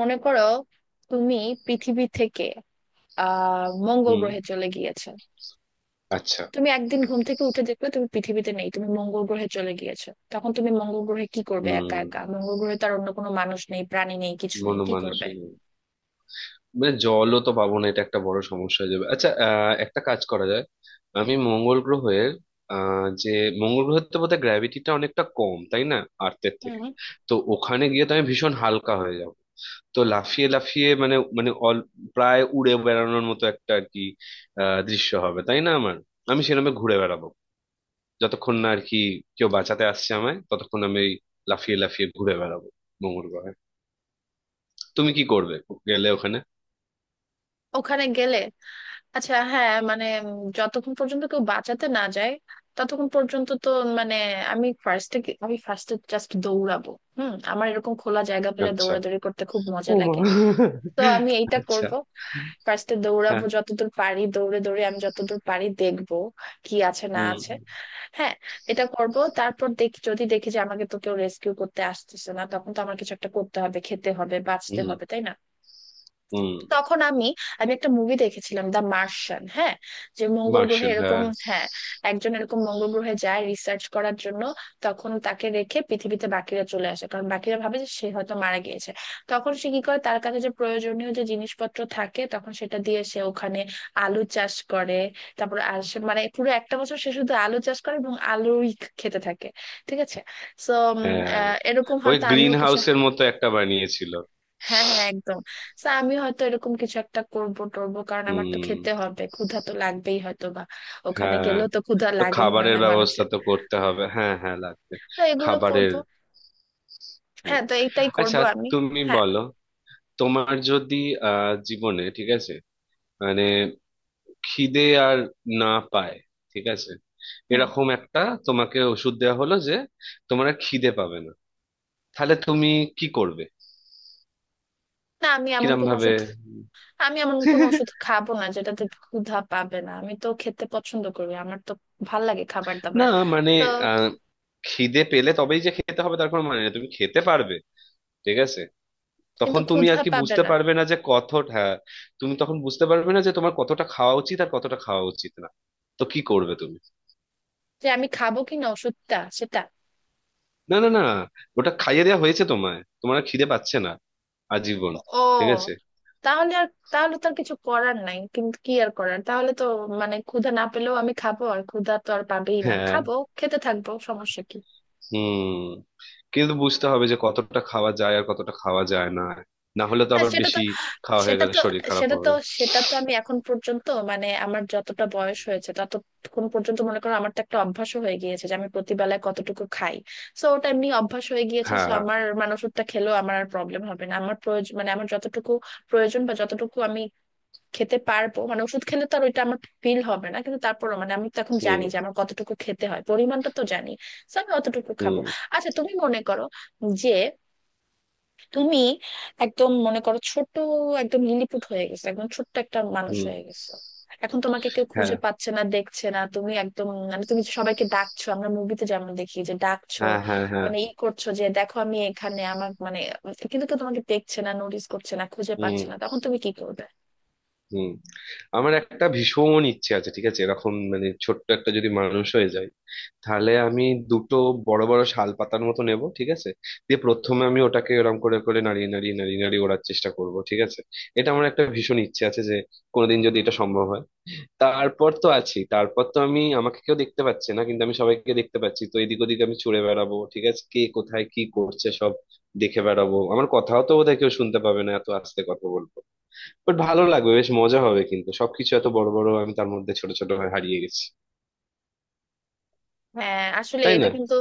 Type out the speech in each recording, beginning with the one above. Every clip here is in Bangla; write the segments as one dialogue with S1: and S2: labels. S1: মনে করো তুমি পৃথিবী থেকে মঙ্গল
S2: হুম।
S1: গ্রহে চলে গিয়েছো।
S2: আচ্ছা।
S1: তুমি একদিন ঘুম থেকে উঠে দেখবে তুমি পৃথিবীতে নেই, তুমি মঙ্গল গ্রহে চলে গিয়েছো। তখন তুমি মঙ্গল গ্রহে কি করবে? একা
S2: হুম।
S1: একা মঙ্গল গ্রহে, তার অন্য কোনো মানুষ নেই, প্রাণী নেই, কিছু নেই। কি করবে?
S2: মনমানসিক, মানে জলও তো পাবো না, এটা একটা বড় সমস্যা হয়ে যাবে। আচ্ছা, একটা কাজ করা যায়। আমি মঙ্গল গ্রহের আহ, যে মঙ্গল গ্রহের তো বোধহয় গ্র্যাভিটিটা অনেকটা কম, তাই না, আর্থের থেকে?
S1: হুম।
S2: তো ওখানে গিয়ে তো আমি ভীষণ হালকা হয়ে যাব। তো লাফিয়ে লাফিয়ে মানে মানে অল, প্রায় উড়ে বেড়ানোর মতো একটা আর কি দৃশ্য হবে, তাই না আমার? আমি সেরকম ঘুরে বেড়াবো যতক্ষণ না আর কি কেউ বাঁচাতে আসছে আমায়, ততক্ষণ আমি এই লাফিয়ে লাফিয়ে ঘুরে বেড়াবো মঙ্গল গ্রহে। তুমি কি করবে গেলে ওখানে?
S1: ওখানে গেলে আচ্ছা, হ্যাঁ, মানে যতক্ষণ পর্যন্ত কেউ বাঁচাতে না যায় ততক্ষণ পর্যন্ত তো মানে আমি ফার্স্টে আমি ফার্স্টে জাস্ট দৌড়াবো। হুম, আমার এরকম খোলা জায়গা পেলে
S2: আচ্ছা।
S1: দৌড়াদৌড়ি করতে খুব মজা
S2: ও মা।
S1: লাগে। তো আমি এইটা
S2: আচ্ছা।
S1: করব। ফার্স্টে
S2: হ্যাঁ।
S1: দৌড়াবো যতদূর পারি, দৌড়ে দৌড়ে আমি যতদূর পারি দেখবো কি আছে না
S2: হুম।
S1: আছে। হ্যাঁ, এটা করব। তারপর যদি দেখি যে আমাকে তো কেউ রেস্কিউ করতে আসতেছে না, তখন তো আমার কিছু একটা করতে হবে, খেতে হবে, বাঁচতে
S2: হুম।
S1: হবে, তাই না?
S2: হুম।
S1: তখন আমি আমি একটা মুভি দেখেছিলাম, দ্য মার্শিয়ান। হ্যাঁ, যে মঙ্গল গ্রহে
S2: মার্শাল,
S1: এরকম।
S2: হ্যাঁ।
S1: হ্যাঁ, একজন এরকম মঙ্গল গ্রহে যায় রিসার্চ করার জন্য। তখন তাকে রেখে পৃথিবীতে বাকিরা চলে আসে কারণ বাকিরা ভাবে যে সে হয়তো মারা গিয়েছে। তখন সে কি করে, তার কাছে যে প্রয়োজনীয় যে জিনিসপত্র থাকে তখন সেটা দিয়ে সে ওখানে আলু চাষ করে। তারপর আর সে মানে পুরো একটা বছর সে শুধু আলু চাষ করে এবং আলুই খেতে থাকে। ঠিক আছে। তো
S2: হ্যাঁ,
S1: এরকম
S2: ওই
S1: হয়তো
S2: গ্রিন
S1: আমিও কিছু।
S2: হাউসের মতো একটা বানিয়েছিল।
S1: হ্যাঁ, হ্যাঁ, একদম। So, আমি হয়তো এরকম কিছু একটা করবো টরবো, কারণ আমার তো
S2: হুম।
S1: খেতে হবে, ক্ষুধা তো লাগবেই হয়তো বা। ওখানে
S2: হ্যাঁ,
S1: গেলেও তো ক্ষুধা
S2: তো
S1: লাগে মনে
S2: খাবারের
S1: হয়
S2: ব্যবস্থা
S1: মানুষের।
S2: তো করতে হবে। হ্যাঁ হ্যাঁ লাগবে,
S1: তো এগুলো
S2: খাবারের।
S1: করবো।
S2: হুম।
S1: হ্যাঁ, তো এইটাই
S2: আচ্ছা,
S1: করবো আমি।
S2: তুমি
S1: হ্যাঁ।
S2: বলো, তোমার যদি জীবনে, ঠিক আছে, মানে খিদে আর না পায়, ঠিক আছে,
S1: হুম।
S2: এরকম একটা, তোমাকে ওষুধ দেওয়া হলো যে তোমার আর খিদে পাবে না, তাহলে তুমি কি করবে,
S1: না, আমি এমন
S2: কিরম
S1: কোনো
S2: ভাবে?
S1: ওষুধ আমি এমন কোনো ওষুধ খাবো না যেটাতে ক্ষুধা পাবে না। আমি তো খেতে পছন্দ করি, আমার তো ভাল লাগে খাবার
S2: না,
S1: দাবার।
S2: মানে
S1: তো
S2: আহ, খিদে পেলে তবেই যে খেতে হবে, তার কোনো মানে নেই, তুমি খেতে পারবে ঠিক আছে।
S1: কিন্তু
S2: তখন তুমি আর
S1: ক্ষুধা
S2: কি
S1: পাবে
S2: বুঝতে
S1: না,
S2: পারবে না যে কতটা, হ্যাঁ, তুমি তখন বুঝতে পারবে না যে তোমার কতটা খাওয়া উচিত আর কতটা খাওয়া উচিত না। তো কি করবে তুমি?
S1: যে আমি খাবো কিনা ওষুধটা সেটা।
S2: না না না, ওটা খাইয়ে দেওয়া হয়েছে তোমায়, তোমার আর খিদে পাচ্ছে না, আজীবন।
S1: ও,
S2: ঠিক আছে।
S1: তাহলে তো আর কিছু করার নাই, কিন্তু কি আর করার, তাহলে তো মানে ক্ষুধা না পেলেও আমি খাবো, আর ক্ষুধা তো আর পাবেই না,
S2: হ্যাঁ।
S1: খাবো, খেতে থাকবো, সমস্যা কি?
S2: হুম। কিন্তু বুঝতে হবে যে কতটা খাওয়া যায় আর কতটা খাওয়া যায় না, না হলে তো
S1: হ্যাঁ,
S2: আবার বেশি খাওয়া হয়ে
S1: সেটা
S2: গেলে
S1: তো
S2: শরীর খারাপ
S1: সেটা তো
S2: হবে।
S1: সেটা তো আমি এখন পর্যন্ত মানে আমার যতটা বয়স হয়েছে ততক্ষণ পর্যন্ত, মনে করো আমার তো একটা অভ্যাস হয়ে গিয়েছে যে আমি প্রতিবেলায় কতটুকু খাই। সো ওটা এমনি অভ্যাস হয়ে গিয়েছে, সো
S2: হ্যাঁ।
S1: আমার মানে ওষুধটা খেলেও আমার আর প্রবলেম হবে না। আমার প্রয়োজন মানে আমার যতটুকু প্রয়োজন বা যতটুকু আমি খেতে পারবো, মানে ওষুধ খেলে তো আর ওইটা আমার ফিল হবে না, কিন্তু তারপরও মানে আমি তো এখন
S2: হুম।
S1: জানি যে আমার কতটুকু খেতে হয়, পরিমাণটা তো জানি। So, আমি অতটুকু খাবো।
S2: হুম।
S1: আচ্ছা, তুমি মনে করো যে তুমি একদম মনে করো ছোট, একদম লিলিপুট হয়ে গেছো, একদম ছোট্ট একটা মানুষ
S2: হুম।
S1: হয়ে গেছো। এখন তোমাকে কেউ
S2: হ্যাঁ
S1: খুঁজে পাচ্ছে না, দেখছে না, তুমি একদম, মানে তুমি সবাইকে ডাকছো, আমরা মুভিতে যেমন দেখি যে ডাকছো,
S2: হ্যাঁ হ্যাঁ। হ্যাঁ।
S1: মানে ই করছো যে দেখো আমি এখানে, আমার মানে, কিন্তু কেউ তোমাকে দেখছে না, নোটিস করছে না, খুঁজে
S2: হুম।
S1: পাচ্ছে না, তখন তুমি কি করবে?
S2: হুম। আমার একটা ভীষণ ইচ্ছে আছে, ঠিক আছে, এরকম মানে ছোট্ট একটা যদি মানুষ হয়ে যায়, তাহলে আমি দুটো বড় বড় শাল পাতার মতো নেব, ঠিক আছে, দিয়ে প্রথমে আমি ওটাকে এরকম করে করে নাড়িয়ে নাড়িয়ে নাড়িয়ে নাড়িয়ে ওড়ার চেষ্টা করব, ঠিক আছে। এটা আমার একটা ভীষণ ইচ্ছে আছে যে কোনোদিন যদি এটা সম্ভব হয়। তারপর তো আছি, তারপর তো আমি, আমাকে কেউ দেখতে পাচ্ছে না কিন্তু আমি সবাইকে দেখতে পাচ্ছি, তো এদিক ওদিক আমি ছুড়ে বেড়াবো, ঠিক আছে, কে কোথায় কি করছে সব দেখে বেড়াবো। আমার কথাও তো বোধহয় কেউ শুনতে পাবে না, এত আস্তে কথা বলবো। বাট ভালো লাগবে, বেশ মজা হবে, কিন্তু সবকিছু এত বড় বড়, আমি তার মধ্যে ছোট ছোট হয়ে হারিয়ে গেছি,
S1: হ্যাঁ, আসলে
S2: তাই
S1: এটা
S2: না?
S1: কিন্তু,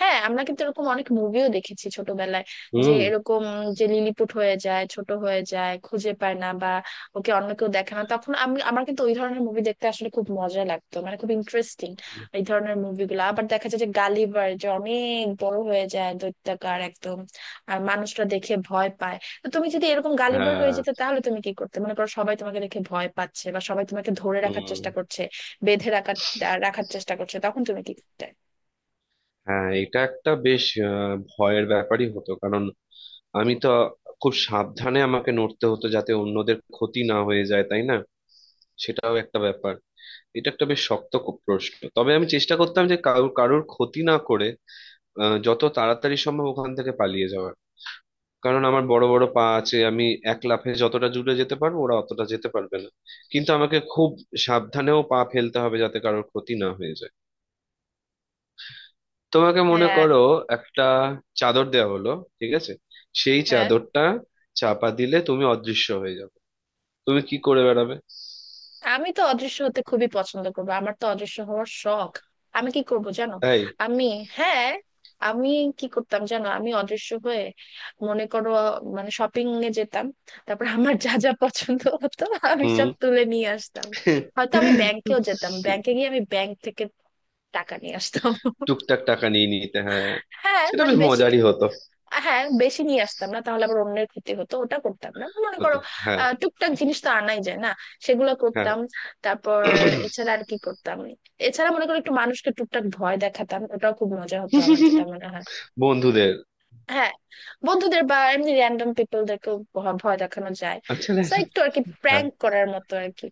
S1: হ্যাঁ, আমরা কিন্তু এরকম অনেক মুভিও দেখেছি ছোটবেলায়, যে
S2: হুম।
S1: এরকম, যে লিলিপুট হয়ে যায়, ছোট হয়ে যায়, খুঁজে পায় না বা ওকে অন্য কেউ দেখে না। তখন আমি, আমার কিন্তু ওই ধরনের মুভি দেখতে আসলে খুব মজা লাগতো, মানে খুব ইন্টারেস্টিং। এই ধরনের মুভিগুলো আবার দেখা যায় যে গালিভার যে অনেক বড় হয়ে যায় দৈত্যাকার একদম, আর মানুষরা দেখে ভয় পায়। তো তুমি যদি এরকম
S2: হ্যাঁ।
S1: গালিভার হয়ে যেতে তাহলে তুমি কি করতে, মনে করো সবাই তোমাকে দেখে ভয় পাচ্ছে বা সবাই তোমাকে ধরে রাখার
S2: হুম।
S1: চেষ্টা করছে, বেঁধে রাখার রাখার চেষ্টা করছে, তখন তুমি কি করতে?
S2: হ্যাঁ, এটা একটা বেশ ভয়ের ব্যাপারই হতো, কারণ আমি তো খুব সাবধানে আমাকে নড়তে হতো যাতে অন্যদের ক্ষতি না হয়ে যায়, তাই না, সেটাও একটা ব্যাপার। এটা একটা বেশ শক্ত প্রশ্ন। তবে আমি চেষ্টা করতাম যে কারোর কারোর ক্ষতি না করে যত তাড়াতাড়ি সম্ভব ওখান থেকে পালিয়ে যাওয়ার। কারণ আমার বড় বড় পা আছে, আমি এক লাফে যতটা জুড়ে যেতে পারবো ওরা অতটা যেতে পারবে না। কিন্তু আমাকে খুব সাবধানেও পা ফেলতে হবে যাতে কারোর ক্ষতি না হয়ে যায়। তোমাকে মনে
S1: হ্যাঁ,
S2: করো একটা চাদর দেওয়া হলো, ঠিক আছে, সেই
S1: হ্যাঁ,
S2: চাদরটা চাপা দিলে তুমি অদৃশ্য হয়ে যাবে, তুমি কি করে বেড়াবে?
S1: আমি তো অদৃশ্য হতে খুবই পছন্দ করবো, আমার তো অদৃশ্য হওয়ার শখ। আমি কি করব জানো?
S2: তাই?
S1: আমি হ্যাঁ, আমি কি করতাম জানো? আমি অদৃশ্য হয়ে মনে করো মানে শপিং এ যেতাম, তারপর আমার যা যা পছন্দ হতো আমি
S2: হুম।
S1: সব তুলে নিয়ে আসতাম। হয়তো আমি ব্যাংকেও যেতাম, ব্যাংকে গিয়ে আমি ব্যাংক থেকে টাকা নিয়ে আসতাম।
S2: টুকটাক টাকা নিয়ে নিতে, হ্যাঁ।
S1: হ্যাঁ,
S2: সেটা
S1: মানে
S2: বেশ
S1: বেশি,
S2: মজারই হতো।
S1: হ্যাঁ, বেশি নিয়ে আসতাম না, তাহলে আবার অন্যের ক্ষতি হতো, ওটা করতাম না, মনে করো।
S2: হতে। হ্যাঁ।
S1: টুকটাক জিনিস তো আনাই যায় না, সেগুলো
S2: হ্যাঁ।
S1: করতাম। তারপর এছাড়া আর কি করতাম? এছাড়া মনে করো একটু মানুষকে টুকটাক ভয় দেখাতাম, ওটাও খুব মজা হতো আমার যেটা মনে হয়।
S2: বন্ধুদের।
S1: হ্যাঁ, বন্ধুদের বা এমনি র্যান্ডম পিপলদেরকেও ভয় দেখানো যায়।
S2: আচ্ছা,
S1: তো
S2: দেখো।
S1: একটু আর কি
S2: হ্যাঁ
S1: প্র্যাঙ্ক করার মতো আর কি।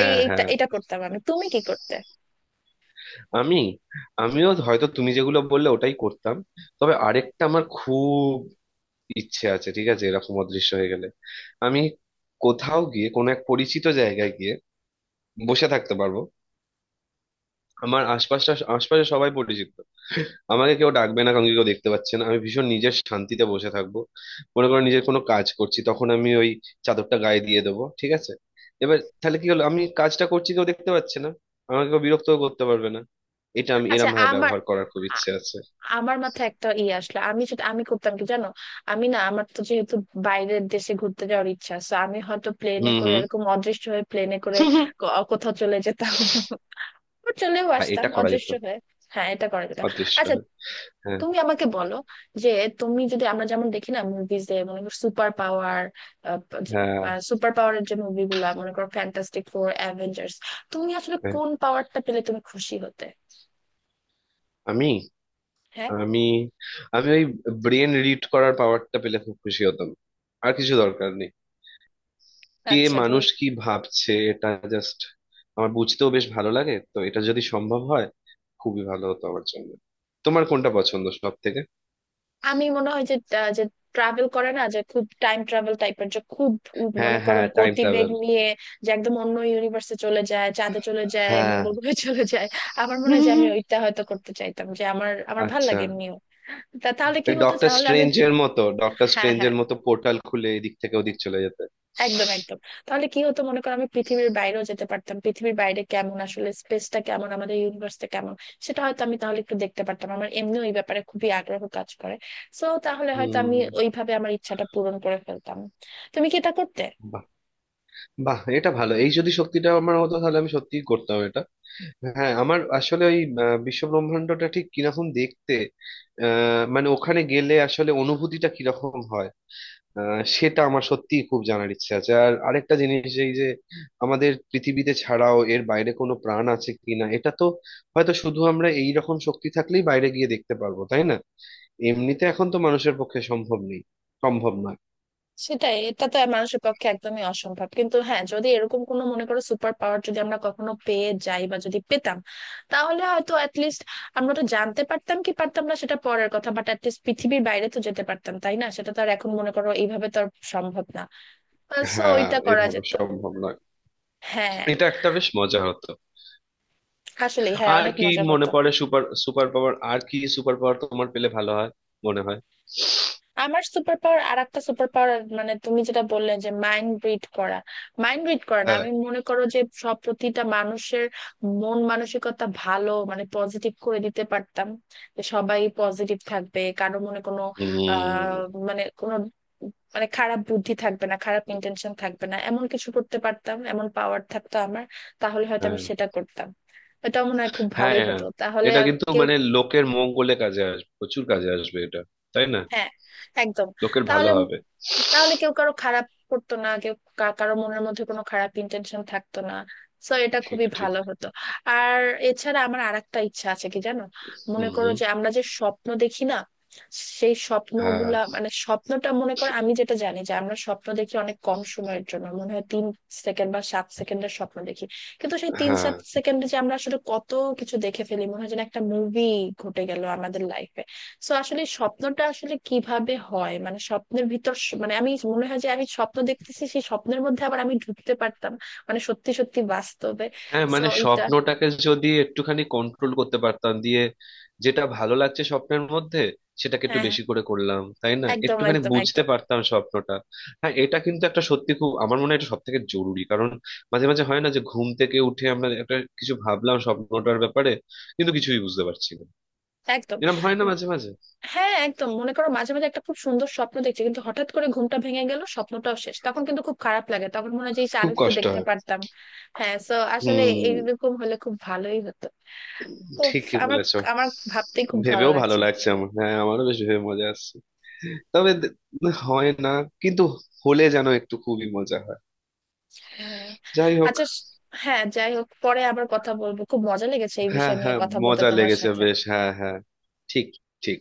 S1: এই এটা
S2: হ্যাঁ।
S1: এটা করতাম আমি। তুমি কি করতে?
S2: আমি, আমিও হয়তো তুমি যেগুলো বললে ওটাই করতাম। তবে আরেকটা আমার খুব ইচ্ছে আছে, ঠিক আছে, এরকম অদৃশ্য হয়ে গেলে আমি কোথাও গিয়ে কোনো এক পরিচিত জায়গায় গিয়ে বসে থাকতে পারবো। আমার আশপাশটা, আশপাশে সবাই পরিচিত, আমাকে কেউ ডাকবে না, কাউকে কেউ দেখতে পাচ্ছে না, আমি ভীষণ নিজের শান্তিতে বসে থাকবো। মনে করো নিজের কোনো কাজ করছি, তখন আমি ওই চাদরটা গায়ে দিয়ে দেবো, ঠিক আছে, এবার তাহলে কি হলো, আমি কাজটা করছি, কেউ দেখতে পাচ্ছে না, আমাকে কেউ বিরক্তও করতে পারবে না। এটা আমি
S1: আচ্ছা,
S2: এরম ভাবে
S1: আমার
S2: ব্যবহার করার খুব ইচ্ছে আছে।
S1: আমার মাথায় একটা ই আসলো, আমি করতাম কি জানো, আমি না আমার তো যেহেতু বাইরের দেশে ঘুরতে যাওয়ার ইচ্ছা আছে, আমি হয়তো প্লেনে
S2: হুম।
S1: করে
S2: হুম।
S1: এরকম অদৃশ্য হয়ে প্লেনে করে কোথাও চলে যেতাম বা চলেও
S2: হ্যাঁ,
S1: আসতাম
S2: এটা করা যেত,
S1: অদৃশ্য হয়ে। হ্যাঁ, এটা করা যেত।
S2: অদৃশ্য
S1: আচ্ছা,
S2: হয়ে। হ্যাঁ।
S1: তুমি আমাকে বলো যে তুমি যদি, আমরা যেমন দেখি না মুভিজে, মনে করো সুপার পাওয়ার,
S2: হ্যাঁ।
S1: সুপার পাওয়ারের যে মুভিগুলা মনে করো ফ্যান্টাস্টিক ফোর, অ্যাভেঞ্জার্স, তুমি আসলে
S2: হ্যাঁ।
S1: কোন পাওয়ারটা পেলে তুমি খুশি হতে?
S2: আমি
S1: হ্যাঁ।
S2: আমি আমি ওই ব্রেন রিড করার পাওয়ারটা পেলে খুব খুশি হতাম। আর কিছু দরকার নেই। কে,
S1: আচ্ছা, তুমি,
S2: মানুষ কি ভাবছে, এটা জাস্ট আমার বুঝতেও বেশ ভালো লাগে, তো এটা যদি সম্ভব হয় খুবই ভালো হতো আমার জন্য। তোমার কোনটা পছন্দ সব থেকে?
S1: আমি মনে হয় যে ট্রাভেল করে না, যে খুব টাইম ট্রাভেল টাইপের, যে খুব
S2: হ্যাঁ
S1: মনে করো
S2: হ্যাঁ, টাইম
S1: গতিবেগ
S2: ট্রাভেল।
S1: নিয়ে, যে একদম অন্য ইউনিভার্সে চলে যায়, চাঁদে চলে যায়,
S2: হ্যাঁ।
S1: মঙ্গল গ্রহে চলে যায়। আমার মনে হয় যে আমি ওইটা হয়তো করতে চাইতাম, যে আমার আমার ভাল
S2: আচ্ছা,
S1: লাগে এমনিও। তাহলে কি
S2: ওই
S1: হতো?
S2: ডক্টর
S1: তাহলে আমি,
S2: স্ট্রেঞ্জের মতো, ডক্টর
S1: হ্যাঁ, হ্যাঁ,
S2: স্ট্রেঞ্জের মতো পোর্টাল খুলে এদিক থেকে ওদিক চলে যেতে।
S1: একদম একদম। তাহলে কি হতো, মনে করো আমি পৃথিবীর বাইরেও যেতে পারতাম, পৃথিবীর বাইরে কেমন, আসলে স্পেসটা কেমন, আমাদের ইউনিভার্সটা কেমন, সেটা হয়তো আমি তাহলে একটু দেখতে পারতাম। আমার এমনি ওই ব্যাপারে খুবই আগ্রহ কাজ করে। সো তাহলে হয়তো
S2: হুম।
S1: আমি ওইভাবে আমার ইচ্ছাটা পূরণ করে ফেলতাম। তুমি কি এটা করতে?
S2: বাহ, এটা ভালো। এই যদি শক্তিটা আমার হতো তাহলে আমি সত্যিই করতাম এটা। হ্যাঁ, আমার আসলে ওই বিশ্বব্রহ্মাণ্ডটা ঠিক কিরকম দেখতে, মানে ওখানে গেলে আসলে অনুভূতিটা কিরকম হয়, সেটা আমার সত্যিই খুব জানার ইচ্ছে আছে। আর আরেকটা জিনিস, এই যে আমাদের পৃথিবীতে ছাড়াও এর বাইরে কোনো প্রাণ আছে কিনা, এটা তো হয়তো শুধু আমরা এই রকম শক্তি থাকলেই বাইরে গিয়ে দেখতে পারবো, তাই না? এমনিতে এখন তো মানুষের পক্ষে সম্ভব নেই, সম্ভব নয়।
S1: সেটাই, এটা তো মানুষের পক্ষে একদমই অসম্ভব, কিন্তু হ্যাঁ যদি এরকম কোনো মনে করো সুপার পাওয়ার যদি আমরা কখনো পেয়ে যাই বা যদি পেতাম, তাহলে হয়তো অ্যাটলিস্ট আমরা তো জানতে পারতাম, কি পারতাম না সেটা পরের কথা, বাট অ্যাটলিস্ট পৃথিবীর বাইরে তো যেতে পারতাম তাই না? সেটা তো আর এখন মনে করো এইভাবে তো আর সম্ভব না। সো
S2: হ্যাঁ,
S1: ওইটা করা
S2: এভাবে
S1: যেত।
S2: সম্ভব নয়।
S1: হ্যাঁ,
S2: এটা একটা বেশ মজা হতো।
S1: আসলে হ্যাঁ
S2: আর
S1: অনেক
S2: কি
S1: মজার
S2: মনে
S1: হতো।
S2: পড়ে, সুপার সুপার পাওয়ার, আর কি সুপার পাওয়ার তোমার পেলে ভালো হয় মনে হয়?
S1: আমার সুপার পাওয়ার, আর একটা সুপার পাওয়ার, মানে তুমি যেটা বললে যে মাইন্ড রিড করা, মাইন্ড রিড করা না,
S2: হ্যাঁ।
S1: আমি মনে করো যে সব প্রতিটা মানুষের মন মানসিকতা ভালো মানে পজিটিভ করে দিতে পারতাম, যে সবাই পজিটিভ থাকবে, কারো মনে কোনো আহ
S2: উম,
S1: মানে কোনো মানে খারাপ বুদ্ধি থাকবে না, খারাপ ইন্টেনশন থাকবে না, এমন কিছু করতে পারতাম, এমন পাওয়ার থাকতো আমার, তাহলে হয়তো আমি
S2: হ্যাঁ
S1: সেটা করতাম। এটা মনে হয় খুব
S2: হ্যাঁ
S1: ভালোই
S2: হ্যাঁ।
S1: হতো, তাহলে
S2: এটা
S1: আর
S2: কিন্তু
S1: কেউ,
S2: মানে লোকের মঙ্গলে কাজে আসবে, প্রচুর কাজে আসবে এটা, তাই না?
S1: হ্যাঁ, একদম।
S2: লোকের ভালো
S1: তাহলে,
S2: হবে।
S1: তাহলে কেউ কারো খারাপ করতো না, কেউ কারো মনের মধ্যে কোনো খারাপ ইন্টেনশন থাকতো না। সো এটা
S2: ঠিক
S1: খুবই
S2: ঠিক।
S1: ভালো হতো। আর এছাড়া আমার আরেকটা ইচ্ছা আছে কি জানো, মনে করো যে
S2: হম।
S1: আমরা যে স্বপ্ন দেখি না, সেই
S2: হ্যাঁ
S1: স্বপ্নগুলা মানে স্বপ্নটা, মনে করো আমি যেটা জানি যে আমরা স্বপ্ন দেখি অনেক কম সময়ের জন্য, মনে হয় 3 সেকেন্ড বা 7 সেকেন্ডের স্বপ্ন দেখি, কিন্তু সেই তিন
S2: হ্যাঁ
S1: সাত সেকেন্ডে যে আমরা আসলে কত কিছু দেখে ফেলি, মনে হয় যেন একটা মুভি ঘটে গেল আমাদের লাইফে। সো আসলে স্বপ্নটা আসলে কিভাবে হয় মানে স্বপ্নের ভিতর মানে আমি মনে হয় যে আমি স্বপ্ন দেখতেছি, সেই স্বপ্নের মধ্যে আবার আমি ঢুকতে পারতাম, মানে সত্যি সত্যি বাস্তবে।
S2: হ্যাঁ,
S1: সো
S2: মানে
S1: এটা,
S2: স্বপ্নটাকে যদি একটুখানি কন্ট্রোল করতে পারতাম, দিয়ে যেটা ভালো লাগছে স্বপ্নের মধ্যে সেটাকে একটু
S1: হ্যাঁ, হ্যাঁ,
S2: বেশি করে করলাম, তাই না,
S1: একদম
S2: একটুখানি
S1: একদম
S2: বুঝতে
S1: একদম
S2: পারতাম স্বপ্নটা। হ্যাঁ, এটা কিন্তু একটা সত্যি, খুব, আমার মনে হয় এটা সব থেকে জরুরি, কারণ মাঝে মাঝে হয় না যে ঘুম থেকে উঠে আমরা একটা কিছু ভাবলাম স্বপ্নটার ব্যাপারে কিন্তু কিছুই বুঝতে পারছি না,
S1: একদম।
S2: এরকম হয় না
S1: উম,
S2: মাঝে মাঝে?
S1: হ্যাঁ, একদম মনে করো মাঝে মাঝে একটা খুব সুন্দর স্বপ্ন দেখছি কিন্তু হঠাৎ করে ঘুমটা ভেঙে গেল, স্বপ্নটাও শেষ, তখন কিন্তু খুব খারাপ লাগে, তখন মনে হয় যে ইস, আর
S2: খুব
S1: একটু
S2: কষ্ট
S1: দেখতে
S2: হয়।
S1: পারতাম। হ্যাঁ, সো আসলে
S2: হুম।
S1: এইরকম হলে খুব ভালোই হতো। তো
S2: ঠিকই
S1: আমার,
S2: বলেছো।
S1: আমার ভাবতেই খুব ভালো
S2: ভেবেও ভালো
S1: লাগছে।
S2: লাগছে আমার, হ্যাঁ, আমারও বেশ ভেবে মজা আসছে। তবে হয় না কিন্তু, হলে যেন একটু খুবই মজা হয়।
S1: হ্যাঁ,
S2: যাই হোক।
S1: আচ্ছা হ্যাঁ, যাই হোক, পরে আবার কথা বলবো। খুব মজা লেগেছে এই
S2: হ্যাঁ
S1: বিষয় নিয়ে
S2: হ্যাঁ,
S1: কথা বলতে
S2: মজা
S1: তোমার
S2: লেগেছে
S1: সাথে।
S2: বেশ, হ্যাঁ হ্যাঁ। ঠিক। ঠিক।